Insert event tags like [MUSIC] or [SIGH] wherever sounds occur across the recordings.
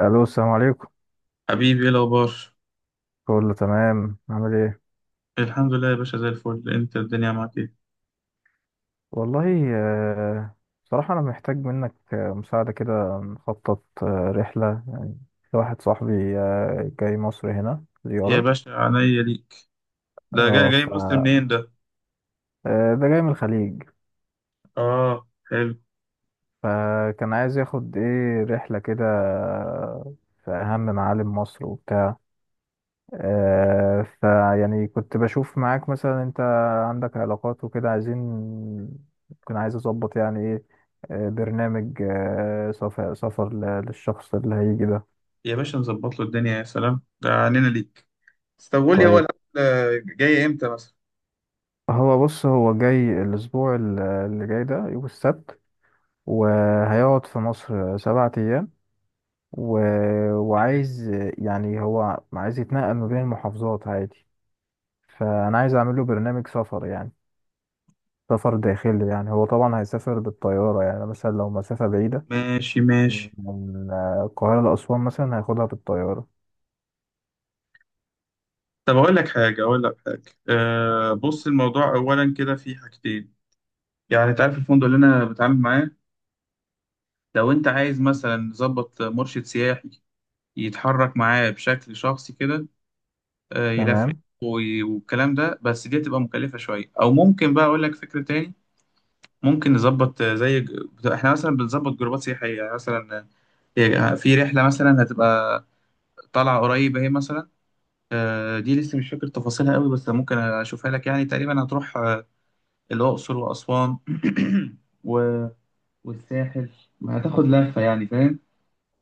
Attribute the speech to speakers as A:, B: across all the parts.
A: الو، السلام عليكم.
B: حبيبي، ايه الاخبار؟
A: كله تمام؟ عامل ايه؟
B: الحمد لله يا باشا، زي الفل. انت الدنيا معاك ايه؟
A: والله بصراحة انا محتاج منك مساعدة كده، نخطط رحلة لواحد صاحبي جاي مصر هنا
B: يا
A: زيارة.
B: باشا، عينيا ليك. ده جاي
A: اه
B: جاي مصر منين ده؟
A: ده جاي من الخليج.
B: اه، حلو.
A: فكان عايز ياخد ايه رحلة كده، في اهم معالم مصر وبتاع. فيعني كنت بشوف معاك، مثلا انت عندك علاقات وكده، عايزين، كنت عايز اظبط يعني ايه، برنامج سفر سفر للشخص اللي هيجي ده.
B: يا باشا نظبط له الدنيا، يا سلام، ده عنينا ليك. طب قول لي، هو
A: طيب،
B: الاكل جاي امتى مثلا؟
A: هو بص، هو جاي الاسبوع اللي جاي ده، يوم السبت، وهيقعد في مصر 7 ايام و... وعايز، يعني هو عايز يتنقل ما بين المحافظات عادي، فانا عايز اعمل له برنامج سفر يعني سفر داخلي. يعني هو طبعا هيسافر بالطيارة، يعني مثلا لو مسافة بعيدة
B: ماشي ماشي.
A: من القاهرة لأسوان مثلا هياخدها بالطيارة.
B: طب اقول لك حاجه. بص، الموضوع اولا كده في حاجتين. يعني انت عارف الفندق اللي انا بتعامل معاه. لو انت عايز مثلا نظبط مرشد سياحي يتحرك معاه بشكل شخصي كده، يلفلف
A: تمام.
B: والكلام ده. بس دي هتبقى مكلفة شوية، أو ممكن بقى أقول لك فكرة تاني. ممكن نظبط، إحنا مثلا بنظبط جروبات سياحية، يعني مثلا، في رحلة مثلا هتبقى طالعة قريبة هي، مثلا، دي لسه مش فاكر تفاصيلها قوي، بس ممكن أشوفها لك. يعني تقريبا هتروح، الأقصر وأسوان [CLEARS THROAT] و... والساحل. هتاخد لفة، يعني فاهم،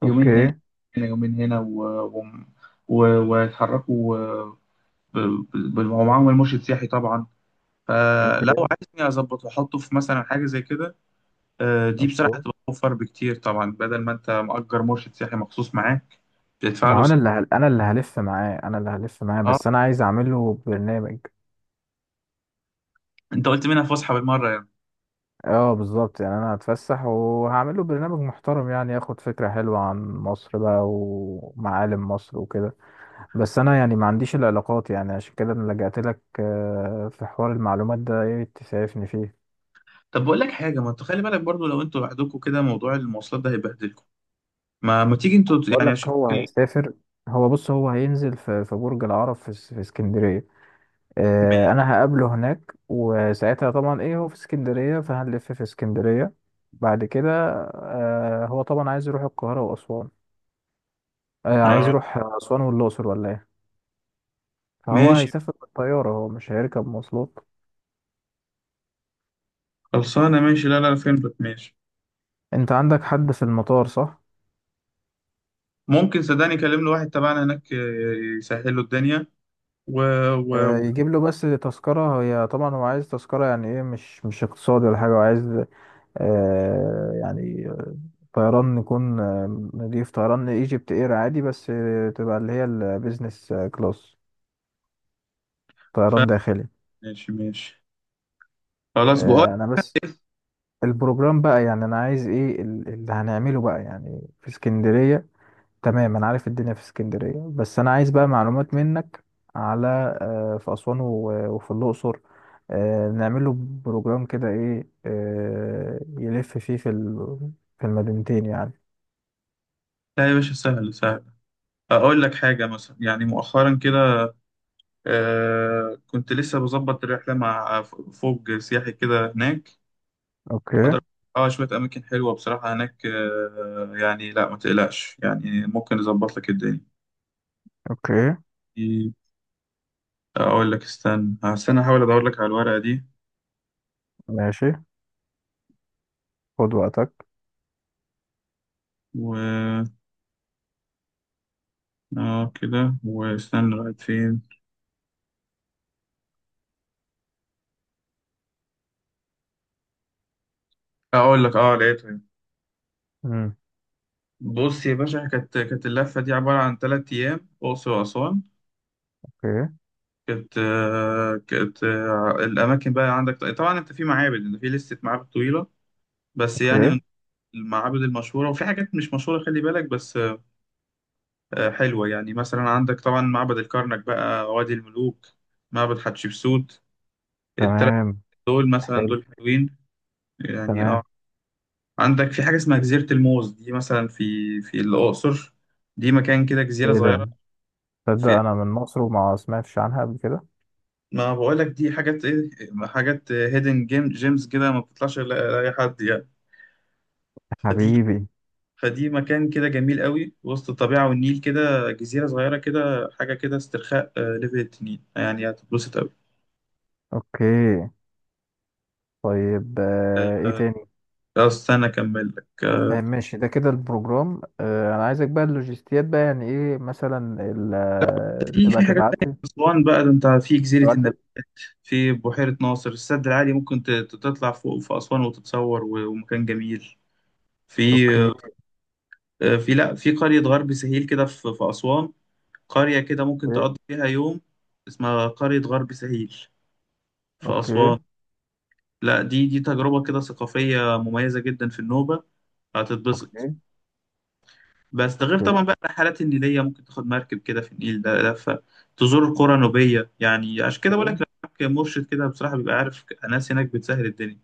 B: يومين هنا.
A: اوكي.
B: هنا يومين هنا و... و... ويتحركوا، ومعاهم المرشد السياحي طبعا. فلو
A: اوكي.
B: عايزني اظبط واحطه في مثلا حاجه زي كده، دي بصراحه
A: أوكي.
B: هتبقى اوفر بكتير طبعا، بدل ما انت مأجر مرشد سياحي مخصوص معاك، بتدفع
A: ما
B: له
A: هو أنا اللي أنا اللي هلف معاه، أنا اللي هلف معاه،
B: اه.
A: بس أنا عايز أعمل له برنامج.
B: انت قلت منها فسحه بالمره يعني.
A: اه، بالظبط، يعني أنا هتفسح وهعمل له برنامج محترم، يعني ياخد فكرة حلوة عن مصر بقى ومعالم مصر وكده. بس أنا يعني ما عنديش العلاقات، يعني عشان كده أنا لجأت لك. في حوار المعلومات ده، إيه تسعفني فيه؟
B: طب بقول لك حاجه، ما انت خلي بالك برضو، لو انتوا لوحدكم كده موضوع المواصلات ده هيبهدلكم. ما تيجي انتوا،
A: بقول
B: يعني
A: لك هو
B: اشوفك
A: هيسافر. هو بص، هو هينزل في برج العرب، في في اسكندرية.
B: ماشي.
A: انا هقابله هناك وساعتها طبعا ايه، هو في اسكندرية فهنلف في اسكندرية. بعد كده هو طبعا عايز يروح القاهرة وأسوان. عايز
B: اه
A: يروح أسوان والأقصر ولا ايه؟ فهو
B: ماشي.
A: هيسافر بالطيارة، هو مش هيركب مواصلات.
B: خلصانه ماشي، لا لا لا، فهمتك ماشي.
A: انت عندك حد في المطار، صح؟
B: ممكن، صدقني، كلمنا واحد تبعنا هناك، يسهل له الدنيا و... و... و...
A: يجيب له بس تذكرة، هي طبعا هو عايز تذكرة يعني ايه، مش اقتصادي ولا حاجة، هو عايز يعني طيران، نكون نضيف طيران ايجيبت اير عادي، بس تبقى اللي هي البيزنس كلاس،
B: ف...
A: طيران داخلي.
B: ماشي ماشي. خلاص بقول،
A: انا بس البروجرام بقى يعني، انا عايز ايه اللي هنعمله بقى، يعني في اسكندرية تمام انا عارف الدنيا في اسكندرية، بس انا عايز بقى معلومات منك على في اسوان وفي الاقصر. نعمله بروجرام كده ايه، يلف فيه في في المدينتين يعني.
B: لا يا باشا، سهل سهل. اقول لك حاجه، مثلا يعني مؤخرا كده كنت لسه بظبط رحله مع فوج سياحي كده هناك.
A: اوكي.
B: اه، شويه اماكن حلوه بصراحه هناك، يعني لا ما تقلقش، يعني ممكن نظبط لك الدنيا.
A: اوكي.
B: اقول لك استنى استنى، احاول ادور لك على الورقه دي.
A: ماشي، خد وقتك.
B: و اه كده، واستنى لغايه فين. اقول لك، اه، لقيتها.
A: امم.
B: بص يا باشا، كانت اللفه دي عباره عن 3 ايام اقصر واسوان.
A: اوكي.
B: كانت الأماكن بقى عندك طبعا، أنت في معابد، أنت في لستة معابد طويلة، بس يعني
A: اوكي.
B: من المعابد المشهورة وفي حاجات مش مشهورة، خلي بالك بس، حلوة. يعني مثلا عندك طبعا معبد الكرنك بقى، وادي الملوك، معبد حتشبسوت، التلات
A: تمام.
B: دول مثلا،
A: حلو.
B: دول حلوين يعني، اه.
A: تمام.
B: عندك في حاجة اسمها جزيرة الموز، دي مثلا في الأقصر. دي مكان كده، جزيرة
A: ايه ده؟
B: صغيرة
A: تصدق
B: في.
A: انا من مصر وما سمعتش عنها قبل كده.
B: ما بقولك دي حاجات، ايه، حاجات هيدن جيم جيمز كده، ما بتطلعش لأي حد يعني. فدي
A: حبيبي.
B: فدي مكان كده جميل قوي، وسط الطبيعة والنيل، كده جزيرة صغيرة، كده حاجة كده استرخاء، ليفل التنين، يعني هتتبسط قوي.
A: اوكي. طيب ايه تاني؟
B: استنى أكمل لك،
A: ماشي، ده كده البروجرام. انا عايزك بقى اللوجيستيات بقى يعني، ايه مثلا
B: في
A: تبقى
B: في حاجات
A: تبعت
B: تانية
A: لي
B: في أسوان بقى. ده أنت في جزيرة
A: تبعت
B: النبات،
A: لي.
B: في بحيرة ناصر، السد العالي، ممكن تطلع فوق في أسوان وتتصور، ومكان جميل في،
A: اوكي.
B: آه، في لا في قرية غرب سهيل كده، في أسوان. قرية كده ممكن
A: اوكي.
B: تقضي فيها يوم، اسمها قرية غرب سهيل في
A: اوكي.
B: أسوان. لا، دي دي تجربة كده ثقافية مميزة جدا في النوبة، هتتبسط.
A: اوكي.
B: بس ده غير طبعا بقى الرحلات النيلية، ممكن تاخد مركب كده في النيل، ده لفة تزور القرى النوبية. يعني عشان كده بقول لك،
A: اوكي.
B: لو معاك مرشد كده بصراحة، بيبقى عارف ناس هناك بتسهل الدنيا.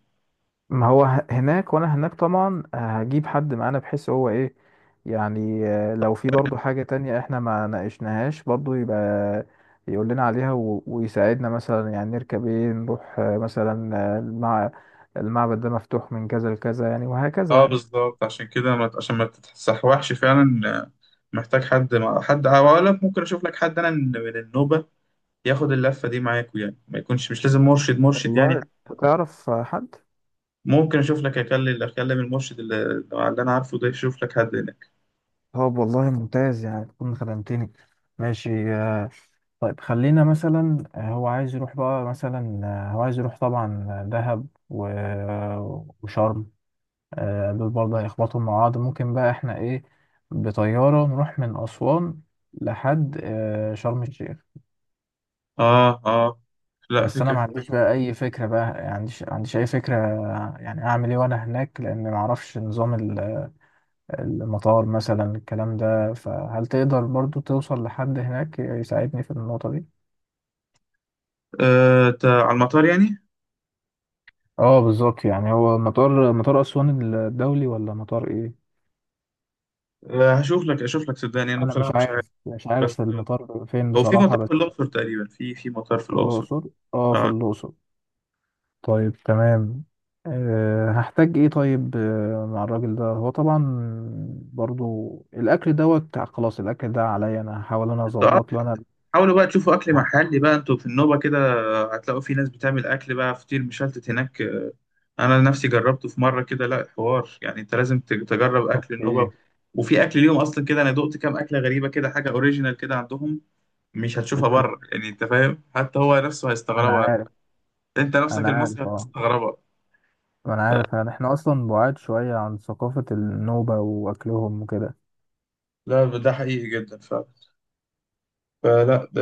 A: ما هو هناك، وانا هناك طبعا هجيب حد معانا، بحيث هو ايه يعني لو في برضو حاجة تانية احنا ما ناقشناهاش، برضو يبقى يقول لنا عليها ويساعدنا، مثلا يعني نركب ايه نروح مثلا المعبد ده مفتوح من كذا لكذا يعني، وهكذا
B: اه
A: يعني.
B: بالظبط، عشان ما تتسحوحش فعلا، محتاج حد، مع حد، او اقول لك ممكن اشوف لك حد انا من النوبه، ياخد اللفه دي معاكوا، يعني ما يكونش مش لازم مرشد يعني.
A: والله، تعرف حد؟
B: ممكن اشوف لك، اكلم المرشد اللي انا عارفه ده، يشوف لك حد هناك.
A: طب والله ممتاز، يعني تكون خدمتني. ماشي طيب خلينا مثلا هو عايز يروح بقى مثلا هو عايز يروح طبعا دهب وشرم. دول برضه هيخبطهم مع بعض، ممكن بقى احنا ايه بطيارة نروح من أسوان لحد شرم الشيخ.
B: اه اه. لا،
A: بس انا
B: فكرة
A: ما عنديش
B: كويسة.
A: بقى اي فكرة بقى، يعني عنديش اي فكرة، يعني اعمل ايه وانا هناك، لان ما اعرفش نظام المطار مثلا، الكلام ده. فهل تقدر برضو توصل لحد هناك يساعدني في النقطة دي؟
B: على المطار يعني.
A: اه، بالظبط، يعني هو مطار، مطار أسوان الدولي ولا مطار ايه؟
B: آه هشوف لك اشوف لك، صدقني، انا
A: أنا
B: بصراحة
A: مش
B: مش عارف.
A: عارف، مش
B: بس،
A: عارف المطار فين
B: هو في مطار
A: بصراحة، بس
B: في الأقصر تقريبا، في مطار في
A: في
B: الأقصر.
A: الأقصر. اه، في
B: اه.
A: الأقصر. طيب تمام. أه، هحتاج ايه طيب مع الراجل ده هو طبعا برضو الأكل. دوت خلاص. الأكل ده عليا، أنا هحاول أنا
B: انت،
A: أظبط له أنا.
B: حاولوا بقى تشوفوا اكل محلي بقى، انتوا في النوبة كده، هتلاقوا في ناس بتعمل اكل بقى، فطير مشلتت هناك، آه. انا نفسي جربته في مرة كده، لا حوار، يعني انت لازم تجرب اكل النوبة.
A: اوكي.
B: وفي اكل ليهم اصلا كده، انا دقت كام اكلة غريبة كده، حاجة اوريجينال كده عندهم، مش هتشوفها
A: اوكي.
B: بره يعني، انت فاهم، حتى هو نفسه
A: انا
B: هيستغربها.
A: عارف.
B: انت نفسك
A: انا عارف.
B: المصري
A: اه،
B: هتستغربها.
A: ما انا عارف يعني، احنا اصلا بعاد شوية عن ثقافة النوبة واكلهم وكده.
B: لا، ده حقيقي جدا فعلا. فلا ده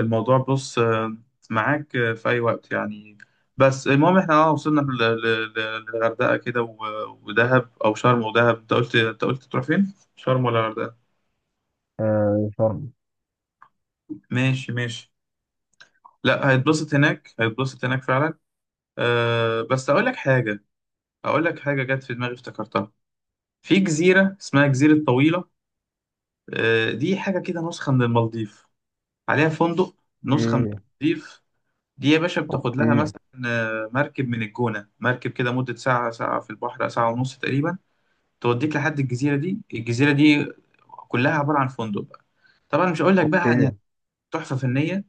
B: الموضوع، بص، معاك في اي وقت يعني. بس المهم احنا، اه، وصلنا للغردقه كده ودهب او شرم ودهب. انت قلت تروح فين، شرم ولا الغردقه؟
A: آه شرم،
B: ماشي ماشي. لا، هيتبسط هناك، هيتبسط هناك فعلا. أه، بس اقول لك حاجه جت في دماغي افتكرتها. في جزيره اسمها جزيره طويله. دي حاجه كده نسخه من المالديف، عليها فندق. نسخه من
A: ايه؟
B: المالديف. دي يا باشا بتاخد لها
A: اوكي.
B: مثلا، مركب من الجونة، مركب كده مدة ساعة، ساعة في البحر، ساعة ونص تقريبا، توديك لحد الجزيرة دي كلها عبارة عن فندق بقى، طبعا مش هقول لك بقى عن،
A: اوكي.
B: يعني، تحفة فنية.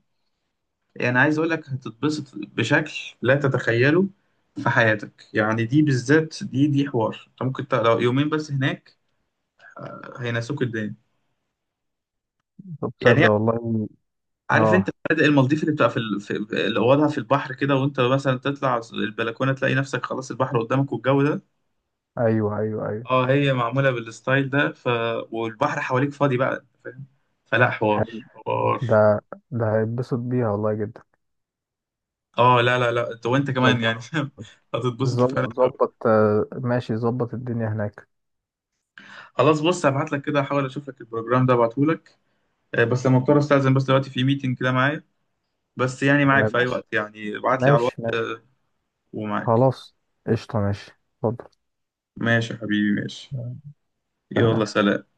B: يعني عايز اقول لك هتتبسط بشكل لا تتخيله في حياتك. يعني دي بالذات، دي حوار، انت ممكن لو يومين بس هناك، هينسوك الدنيا.
A: طب
B: يعني
A: تصدق والله.
B: عارف انت
A: اه،
B: فنادق المالديف اللي بتبقى في اللي اوضها في البحر كده، وانت مثلا تطلع البلكونه تلاقي نفسك خلاص، البحر قدامك والجو ده،
A: ايوه ايوه ايوه،
B: اه، هي معمولة بالستايل ده. والبحر حواليك فاضي بقى، فاهم؟ فلا حوار،
A: حلو.
B: حوار.
A: ده ده هيتبسط بيها والله جدا.
B: اه، لا لا لا، انت، وانت كمان يعني
A: ظبط.
B: فاهم، [LAUGHS] هتتبسط فعلا.
A: ظبط ماشي، ظبط الدنيا هناك.
B: خلاص بص، هبعت لك كده، احاول اشوف لك البروجرام ده ابعته لك. بس لما اضطر استاذن، بس دلوقتي في ميتنج كده معايا. بس يعني معاك
A: آه
B: في اي
A: ماشي
B: وقت، يعني ابعت لي على الوقت
A: ماشي. ماشي
B: ومعاك.
A: خلاص. قشطة. ماشي. اتفضل.
B: ماشي يا حبيبي، ماشي.
A: آه،
B: يلا
A: سلام.
B: سلام.